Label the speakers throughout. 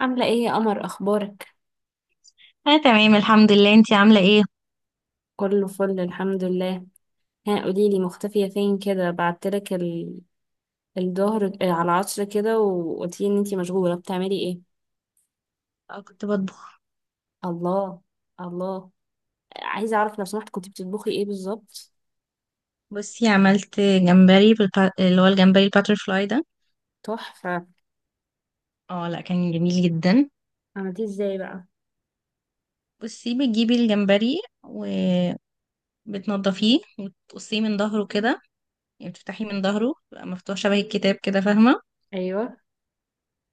Speaker 1: عاملة ايه يا قمر؟ اخبارك؟
Speaker 2: انا تمام، الحمد لله. انتي عامله ايه؟
Speaker 1: كله فل، الحمد لله. ها قوليلي، مختفية فين كده؟ بعتلك الظهر، على العصر كده، وقلتيلي ان انتي مشغولة، بتعملي ايه؟
Speaker 2: اه، كنت بطبخ.
Speaker 1: الله، الله. عايزة اعرف لو سمحت، كنتي بتطبخي ايه بالظبط؟
Speaker 2: بصي، عملت جمبري اللي هو الجمبري الباترفلاي ده.
Speaker 1: تحفة.
Speaker 2: اه، لا كان جميل جدا.
Speaker 1: عملتيه ازاي بقى؟
Speaker 2: بصي، بتجيبي الجمبري وبتنضفيه وتقصيه من ظهره كده. يعني بتفتحيه من ظهره، بيبقى مفتوح شبه الكتاب كده، فاهمه؟
Speaker 1: ايوه.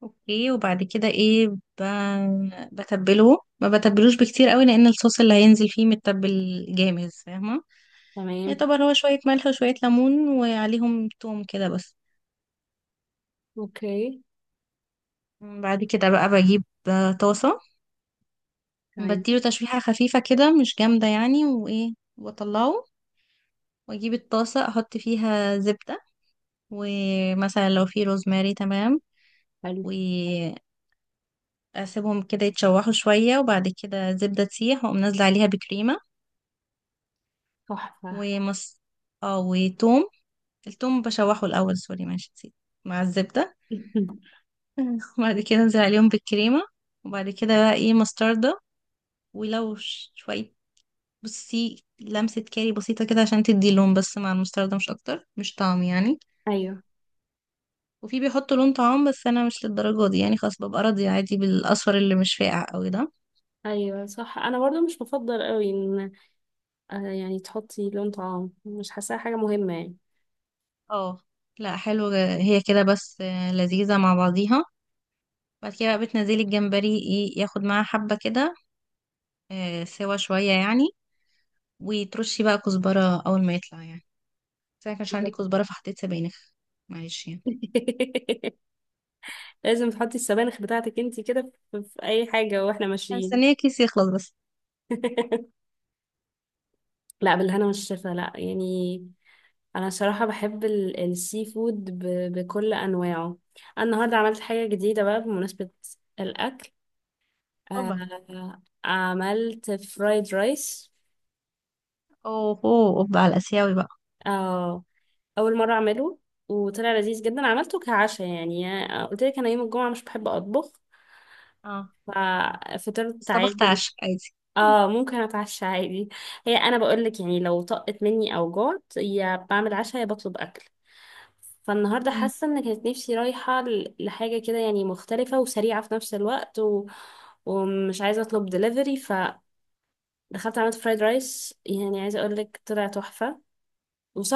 Speaker 2: اوكي، وبعد كده ايه بتبله، ما بتبلوش بكتير قوي، لان الصوص اللي هينزل فيه متبل جامد، فاهمه؟
Speaker 1: تمام.
Speaker 2: يعتبر هو شويه ملح وشويه ليمون وعليهم توم كده بس.
Speaker 1: اوكي.
Speaker 2: بعد كده بقى بجيب طاسة.
Speaker 1: تمام.
Speaker 2: بديله تشويحة خفيفة كده، مش جامدة يعني، وإيه وأطلعه. وأجيب الطاسة، أحط فيها زبدة. ومثلا لو في روزماري، تمام.
Speaker 1: حلو.
Speaker 2: وأسيبهم كده يتشوحوا شوية، وبعد كده الزبدة تسيح، وأقوم نازلة عليها بكريمة.
Speaker 1: تحفة.
Speaker 2: ومص. اه، وتوم. التوم بشوحه الأول، سوري ماشي، نسيت، مع الزبدة. وبعد كده أنزل عليهم بالكريمة. وبعد كده بقى إيه مستردة. ولو شوية. بصي، لمسة كاري بسيطة كده عشان تدي لون، بس مع المستردة مش أكتر، مش طعم يعني.
Speaker 1: ايوه.
Speaker 2: وفي بيحطوا لون طعام، بس أنا مش للدرجة دي يعني، خلاص ببقى راضية عادي بالأصفر اللي مش فاقع قوي ده.
Speaker 1: ايوه صح، انا برضو مش بفضل قوي ان يعني تحطي لون طعام، مش حاساها حاجة مهمة يعني.
Speaker 2: اه، لا، حلو. هي كده بس لذيذة مع بعضيها. بعد كده بقى بتنزلي الجمبري ايه، ياخد معاها حبة كده. سوا شوية يعني. وترشي بقى كزبرة أول ما يطلع يعني. بس أنا كانش عندي كزبرة فحطيت سبانخ. معلش يعني.
Speaker 1: لازم تحطي السبانخ بتاعتك انتي كده في اي حاجة واحنا
Speaker 2: أنا مستنية
Speaker 1: ماشيين.
Speaker 2: كيس يخلص بس.
Speaker 1: لا، بالهنا والشفا، لا يعني. انا صراحة بحب السي فود بكل انواعه. انا النهاردة عملت حاجة جديدة بقى، بمناسبة الاكل،
Speaker 2: أوبا!
Speaker 1: آه. عملت فرايد رايس.
Speaker 2: أوه، أوه، أوبا على الآسيوي بقى!
Speaker 1: آه، اول مرة اعمله، وطلع لذيذ جدا. عملته كعشاء يعني. قلت لك انا يوم الجمعة مش بحب اطبخ،
Speaker 2: اه، بس
Speaker 1: ففطرت
Speaker 2: طبخت
Speaker 1: عادي.
Speaker 2: عشاء عادي.
Speaker 1: اه ممكن اتعشى عادي. هي انا بقولك يعني، لو طقت مني او جعت، يا بعمل عشاء يا بطلب اكل. فالنهارده
Speaker 2: مم.
Speaker 1: حاسه ان كانت نفسي رايحه لحاجه كده يعني، مختلفه وسريعه في نفس الوقت، ومش عايزه اطلب دليفري، فدخلت عملت فرايد رايس. يعني عايزه اقولك طلع تحفه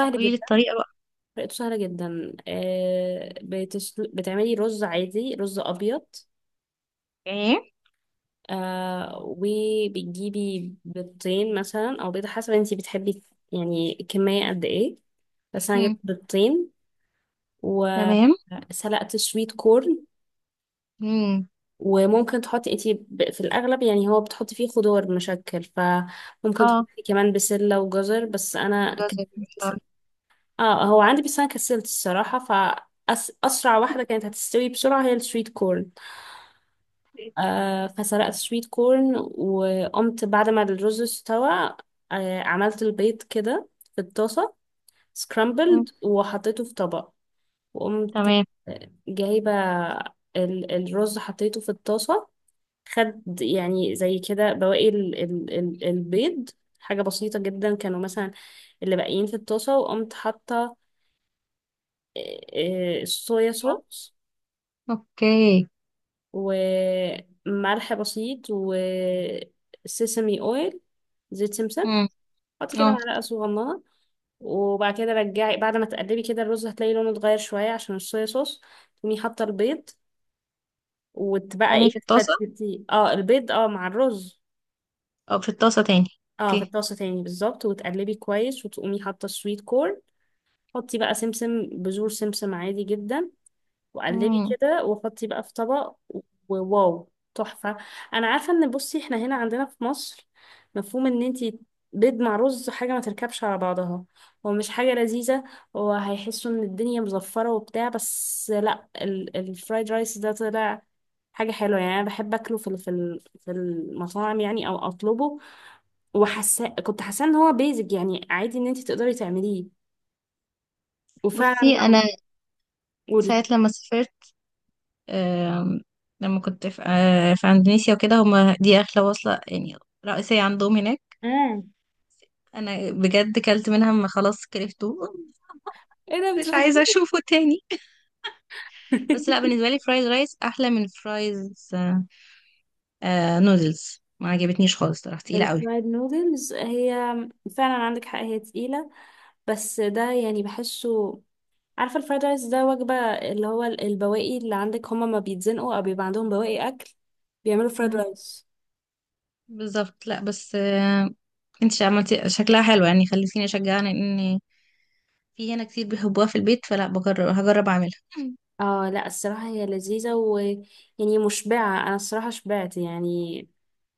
Speaker 2: لا، قولي لي
Speaker 1: جدا.
Speaker 2: الطريقة بقى.
Speaker 1: طريقته سهله جدا. آه، بتعملي رز عادي، رز ابيض.
Speaker 2: ايه.
Speaker 1: آه، وبتجيبي بيضتين مثلا، او بيضة حسب انتي بتحبي، يعني كمية قد ايه. بس انا جبت
Speaker 2: مم.
Speaker 1: بيضتين.
Speaker 2: تمام.
Speaker 1: وسلقت سويت كورن.
Speaker 2: مم.
Speaker 1: وممكن تحطي انتي في الاغلب، يعني هو بتحطي فيه خضار مشكل، فممكن
Speaker 2: اه،
Speaker 1: تحطي كمان بسلة وجزر. بس انا
Speaker 2: جزر بالفلاور.
Speaker 1: اه هو عندي، بس انا كسلت الصراحة، فأسرع واحدة كانت هتستوي بسرعة هي السويت كورن. آه فسلقت سويت كورن، وقمت بعد ما الرز استوى، آه، عملت البيض كده في الطاسة، سكرامبلد،
Speaker 2: مم.
Speaker 1: وحطيته في طبق. وقمت
Speaker 2: تمام.
Speaker 1: جايبة الرز، حطيته في الطاسة. خد يعني زي كده بواقي ال البيض، حاجة بسيطة جدا، كانوا مثلا اللي باقيين في الطاسة. وقمت حاطة الصويا صوص،
Speaker 2: اوكي.
Speaker 1: وملح بسيط، وسيسمي اويل، زيت سمسم.
Speaker 2: مم.
Speaker 1: حطي كده
Speaker 2: اه،
Speaker 1: معلقة صغننة. وبعد كده رجعي، بعد ما تقلبي كده الرز هتلاقي لونه اتغير شوية عشان الصويا صوص. تقومي حاطة البيض، وتبقى
Speaker 2: تاني
Speaker 1: ايه،
Speaker 2: في الطاسة،
Speaker 1: تفتتي اه البيض اه مع الرز.
Speaker 2: او في الطاسة تاني؟
Speaker 1: اه في
Speaker 2: اوكي.
Speaker 1: الطاسة تاني بالظبط، وتقلبي كويس، وتقومي حاطة السويت كورن. حطي بقى سمسم، بذور سمسم عادي جدا. وقلبي
Speaker 2: مم.
Speaker 1: كده، وحطي بقى في طبق. وواو، تحفة. انا عارفة، ان بصي احنا هنا عندنا في مصر، مفهوم ان انتي بيض مع رز حاجة ما تركبش على بعضها، هو مش حاجة لذيذة، وهيحسوا ان الدنيا مزفرة وبتاع. بس لا، الفرايد رايس ده طلع حاجة حلوة يعني. أنا بحب أكله في في المطاعم يعني، أو أطلبه. وحاسة، كنت حاسة إن هو بيزك، يعني عادي إن أنت تقدري تعمليه. وفعلا
Speaker 2: بصي،
Speaker 1: لو.
Speaker 2: انا
Speaker 1: قولي.
Speaker 2: ساعة لما سافرت، آم، لما كنت في اندونيسيا وكده، هما دي اغلى وصلة يعني رئيسية عندهم هناك.
Speaker 1: امم
Speaker 2: انا بجد كلت منها ما خلاص، كرفته.
Speaker 1: ايه ده،
Speaker 2: مش عايزة
Speaker 1: بتهزري؟
Speaker 2: اشوفه تاني. بس لا، بالنسبه لي فرايز رايس احلى من فرايز. نودلز ما عجبتنيش خالص صراحه، تقيله قوي.
Speaker 1: الفرايد نودلز، هي فعلا عندك حق، هي تقيلة. بس ده يعني بحسه. عارفة الفرايد رايس ده وجبة، اللي هو البواقي اللي عندك، هما ما بيتزنقوا أو بيبقى عندهم بواقي أكل، بيعملوا فرايد
Speaker 2: مم.
Speaker 1: رايس.
Speaker 2: بالظبط. لا بس. انت عملتي شكلها حلو، يعني خليتيني اشجعني ان في هنا كتير بيحبوها في البيت، فلا بجرب، هجرب اعملها. مم.
Speaker 1: اه لا الصراحة هي لذيذة، ويعني مشبعة. أنا الصراحة شبعت يعني.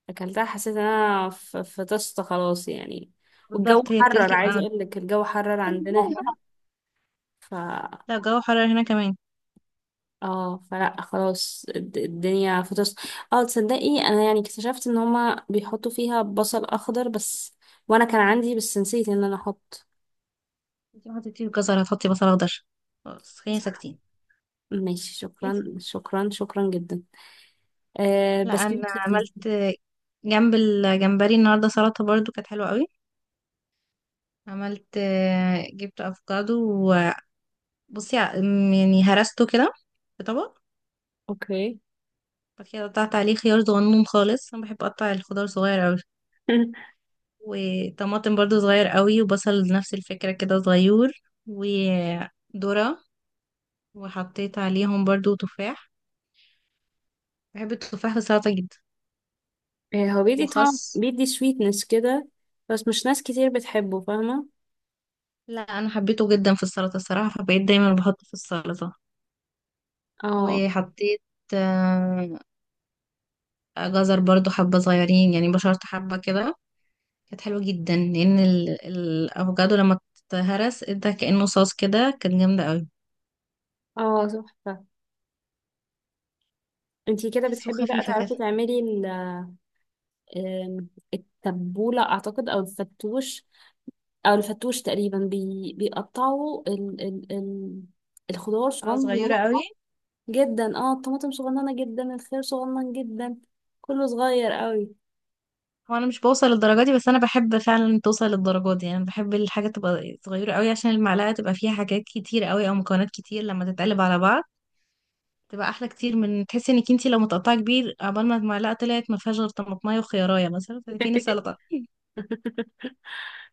Speaker 1: أكلتها حسيت إن أنا فطست خلاص يعني. والجو
Speaker 2: بالظبط، هي
Speaker 1: حرر،
Speaker 2: بتلكم
Speaker 1: عايزة
Speaker 2: قوي.
Speaker 1: أقولك الجو حرر عندنا هنا.
Speaker 2: لا، الجو حرر هنا كمان.
Speaker 1: اه فلا خلاص، الدنيا فطس. اه تصدقي، انا يعني اكتشفت ان هما بيحطوا فيها بصل اخضر بس، وانا كان عندي بس نسيت ان انا احط.
Speaker 2: انت ما حطيتيش جزر هتحطي بصل اخضر؟ خلاص، خلينا
Speaker 1: صح،
Speaker 2: ساكتين.
Speaker 1: ماشي. شكرا،
Speaker 2: انت-
Speaker 1: شكرا، شكرا جدا. آه،
Speaker 2: لا،
Speaker 1: بس
Speaker 2: انا
Speaker 1: كانت لذيذة.
Speaker 2: عملت جنب الجمبري النهارده سلطه برضو، كانت حلوه قوي. عملت. جبت افوكادو. بصي، يعني هرسته كده في طبق.
Speaker 1: اوكي.
Speaker 2: بعد كده قطعت عليه خيار صغنون خالص. انا بحب اقطع الخضار صغير قوي. وطماطم برضو صغير قوي، وبصل نفس الفكرة كده صغير. وذرة. وحطيت عليهم برضو تفاح. بحب التفاح في السلطة جدا.
Speaker 1: آه هو بيدي طعم،
Speaker 2: وخس.
Speaker 1: بيدي سويتنس كده، بس مش ناس كتير بتحبه فاهمة.
Speaker 2: لا، انا حبيته جدا في السلطة الصراحة، فبقيت دايما بحطه في السلطة.
Speaker 1: اه.
Speaker 2: وحطيت آه، جزر برضو حبة صغيرين، يعني بشرت حبة كده. كانت حلوة جدا، لأن الأفوكادو لما اتهرس ادى كأنه صوص كده، كانت جامدة قوي.
Speaker 1: اه تحفة. انتي كده
Speaker 2: بس
Speaker 1: بتحبي بقى
Speaker 2: وخفيفة كده.
Speaker 1: تعرفي تعملي ال- آم، التبولة اعتقد، او الفتوش. او الفتوش تقريبا بيقطعوا الخضار
Speaker 2: اه،
Speaker 1: صغنن
Speaker 2: صغيرة قوي.
Speaker 1: جدا، اه الطماطم صغننه جدا، الخيار صغنن جدا، كله صغير قوي.
Speaker 2: هو أنا مش بوصل للدرجة دي، بس أنا بحب فعلا توصل للدرجة دي يعني. بحب الحاجة تبقى صغيرة قوي عشان المعلقة تبقى فيها حاجات كتير قوي أو مكونات كتير، لما تتقلب على بعض تبقى أحلى كتير، من تحسي إنك انتي لو متقطعة كبير عقبال ما المعلقة طلعت ما فيهاش غير طماطماية وخيارية، مثلا، فين السلطة؟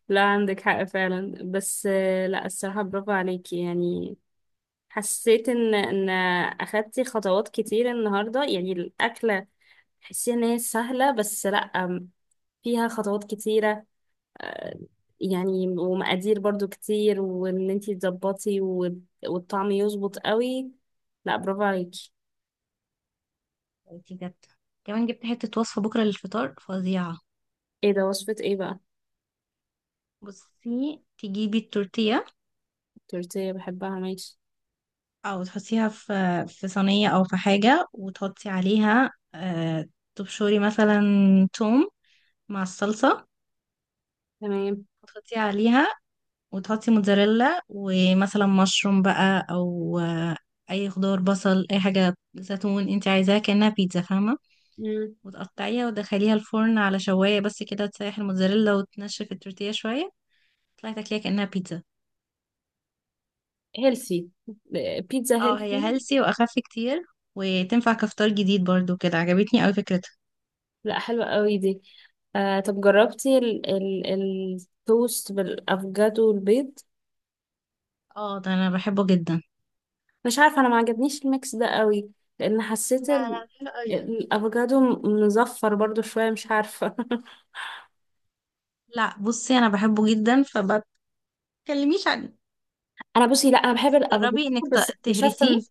Speaker 1: لا عندك حق فعلا. بس لا الصراحة برافو عليكي يعني. حسيت ان اخدتي خطوات كتير النهاردة. يعني الاكلة تحسيها ان هي سهلة، بس لا، فيها خطوات كتيرة يعني، ومقادير برضو كتير، وان انتي تظبطي والطعم يظبط قوي. لا برافو عليكي.
Speaker 2: دي جت كمان، جبت حتة وصفة بكرة للفطار فظيعة.
Speaker 1: ايه ده؟ وصفة ايه بقى؟
Speaker 2: بصي، تجيبي التورتية.
Speaker 1: تورتيه بحبها، ماشي.
Speaker 2: او تحطيها في صينية او في حاجة، وتحطي عليها، تبشري مثلا توم مع الصلصة.
Speaker 1: تمام.
Speaker 2: وتحطي عليها، وتحطي موتزاريلا ومثلا مشروم بقى، او اي خضار، بصل، اي حاجة، زيتون، انت عايزاها كأنها بيتزا، فاهمة؟
Speaker 1: مم.
Speaker 2: وتقطعيها وتدخليها الفرن على شواية بس كده، تسيح الموتزاريلا وتنشف التورتيه شوية. تطلعي تاكليها كأنها بيتزا.
Speaker 1: هيلثي، بيتزا
Speaker 2: اه، هي
Speaker 1: هيلثي.
Speaker 2: هيلسي واخف كتير. وتنفع كفطار جديد برضو، كده عجبتني اوي فكرتها.
Speaker 1: لا حلوة قوي دي. آه طب جربتي ال التوست بالافوكادو والبيض؟
Speaker 2: اه، ده انا بحبه جدا.
Speaker 1: مش عارفة، انا ما عجبنيش الميكس ده قوي. لان حسيت
Speaker 2: لا، لا، حلو قوي.
Speaker 1: الافوكادو مزفر برضو شوية، مش عارفة.
Speaker 2: لا، بصي، انا بحبه جدا، فما تكلميش عنه.
Speaker 1: انا بصي لا، انا بحب
Speaker 2: بس
Speaker 1: الافوكادو،
Speaker 2: جربي انك
Speaker 1: بس اكتشفت
Speaker 2: تهرسيه.
Speaker 1: ان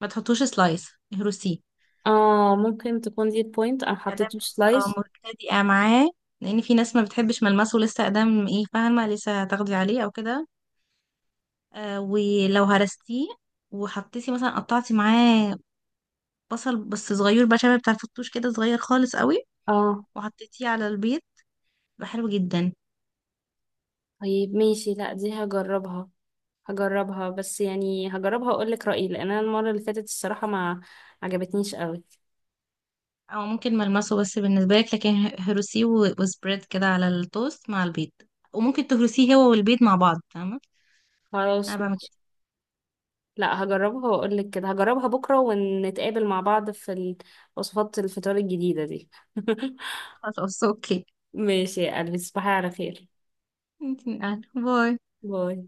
Speaker 2: ما تحطوش سلايس، اهرسيه.
Speaker 1: اه ممكن تكون دي البوينت، انا
Speaker 2: ادام
Speaker 1: حطيته
Speaker 2: لسه
Speaker 1: سلايس.
Speaker 2: مبتدئه معاه، لان في ناس ما بتحبش ملمسه لسه ادام ايه فاهمه، لسه هتاخدي عليه او كده. ولو هرستيه وحطيتي مثلا قطعتي معاه بصل، بس صغير بقى شبه بتاع الفتوش كده، صغير خالص قوي،
Speaker 1: اه
Speaker 2: وحطيتيه على البيض، بقى حلو جدا.
Speaker 1: طيب ماشي، لا دي هجربها. هجربها بس يعني هجربها واقول لك رأيي، لان انا المرة اللي فاتت الصراحة ما عجبتنيش قوي.
Speaker 2: او ممكن ملمسه بس بالنسبه لك، لكن هروسيه وسبريد كده على التوست مع البيض. وممكن تهرسيه هو والبيض مع بعض، فاهمه؟ انا
Speaker 1: خلاص
Speaker 2: بعمل كده.
Speaker 1: ماشي. لا هجربها واقول لك كده، هجربها بكرة ونتقابل مع بعض في وصفات الفطار الجديدة دي.
Speaker 2: خلاص، اوكي.
Speaker 1: ماشي يا قلبي، تصبحي على خير.
Speaker 2: انت من أهل. باي.
Speaker 1: باي.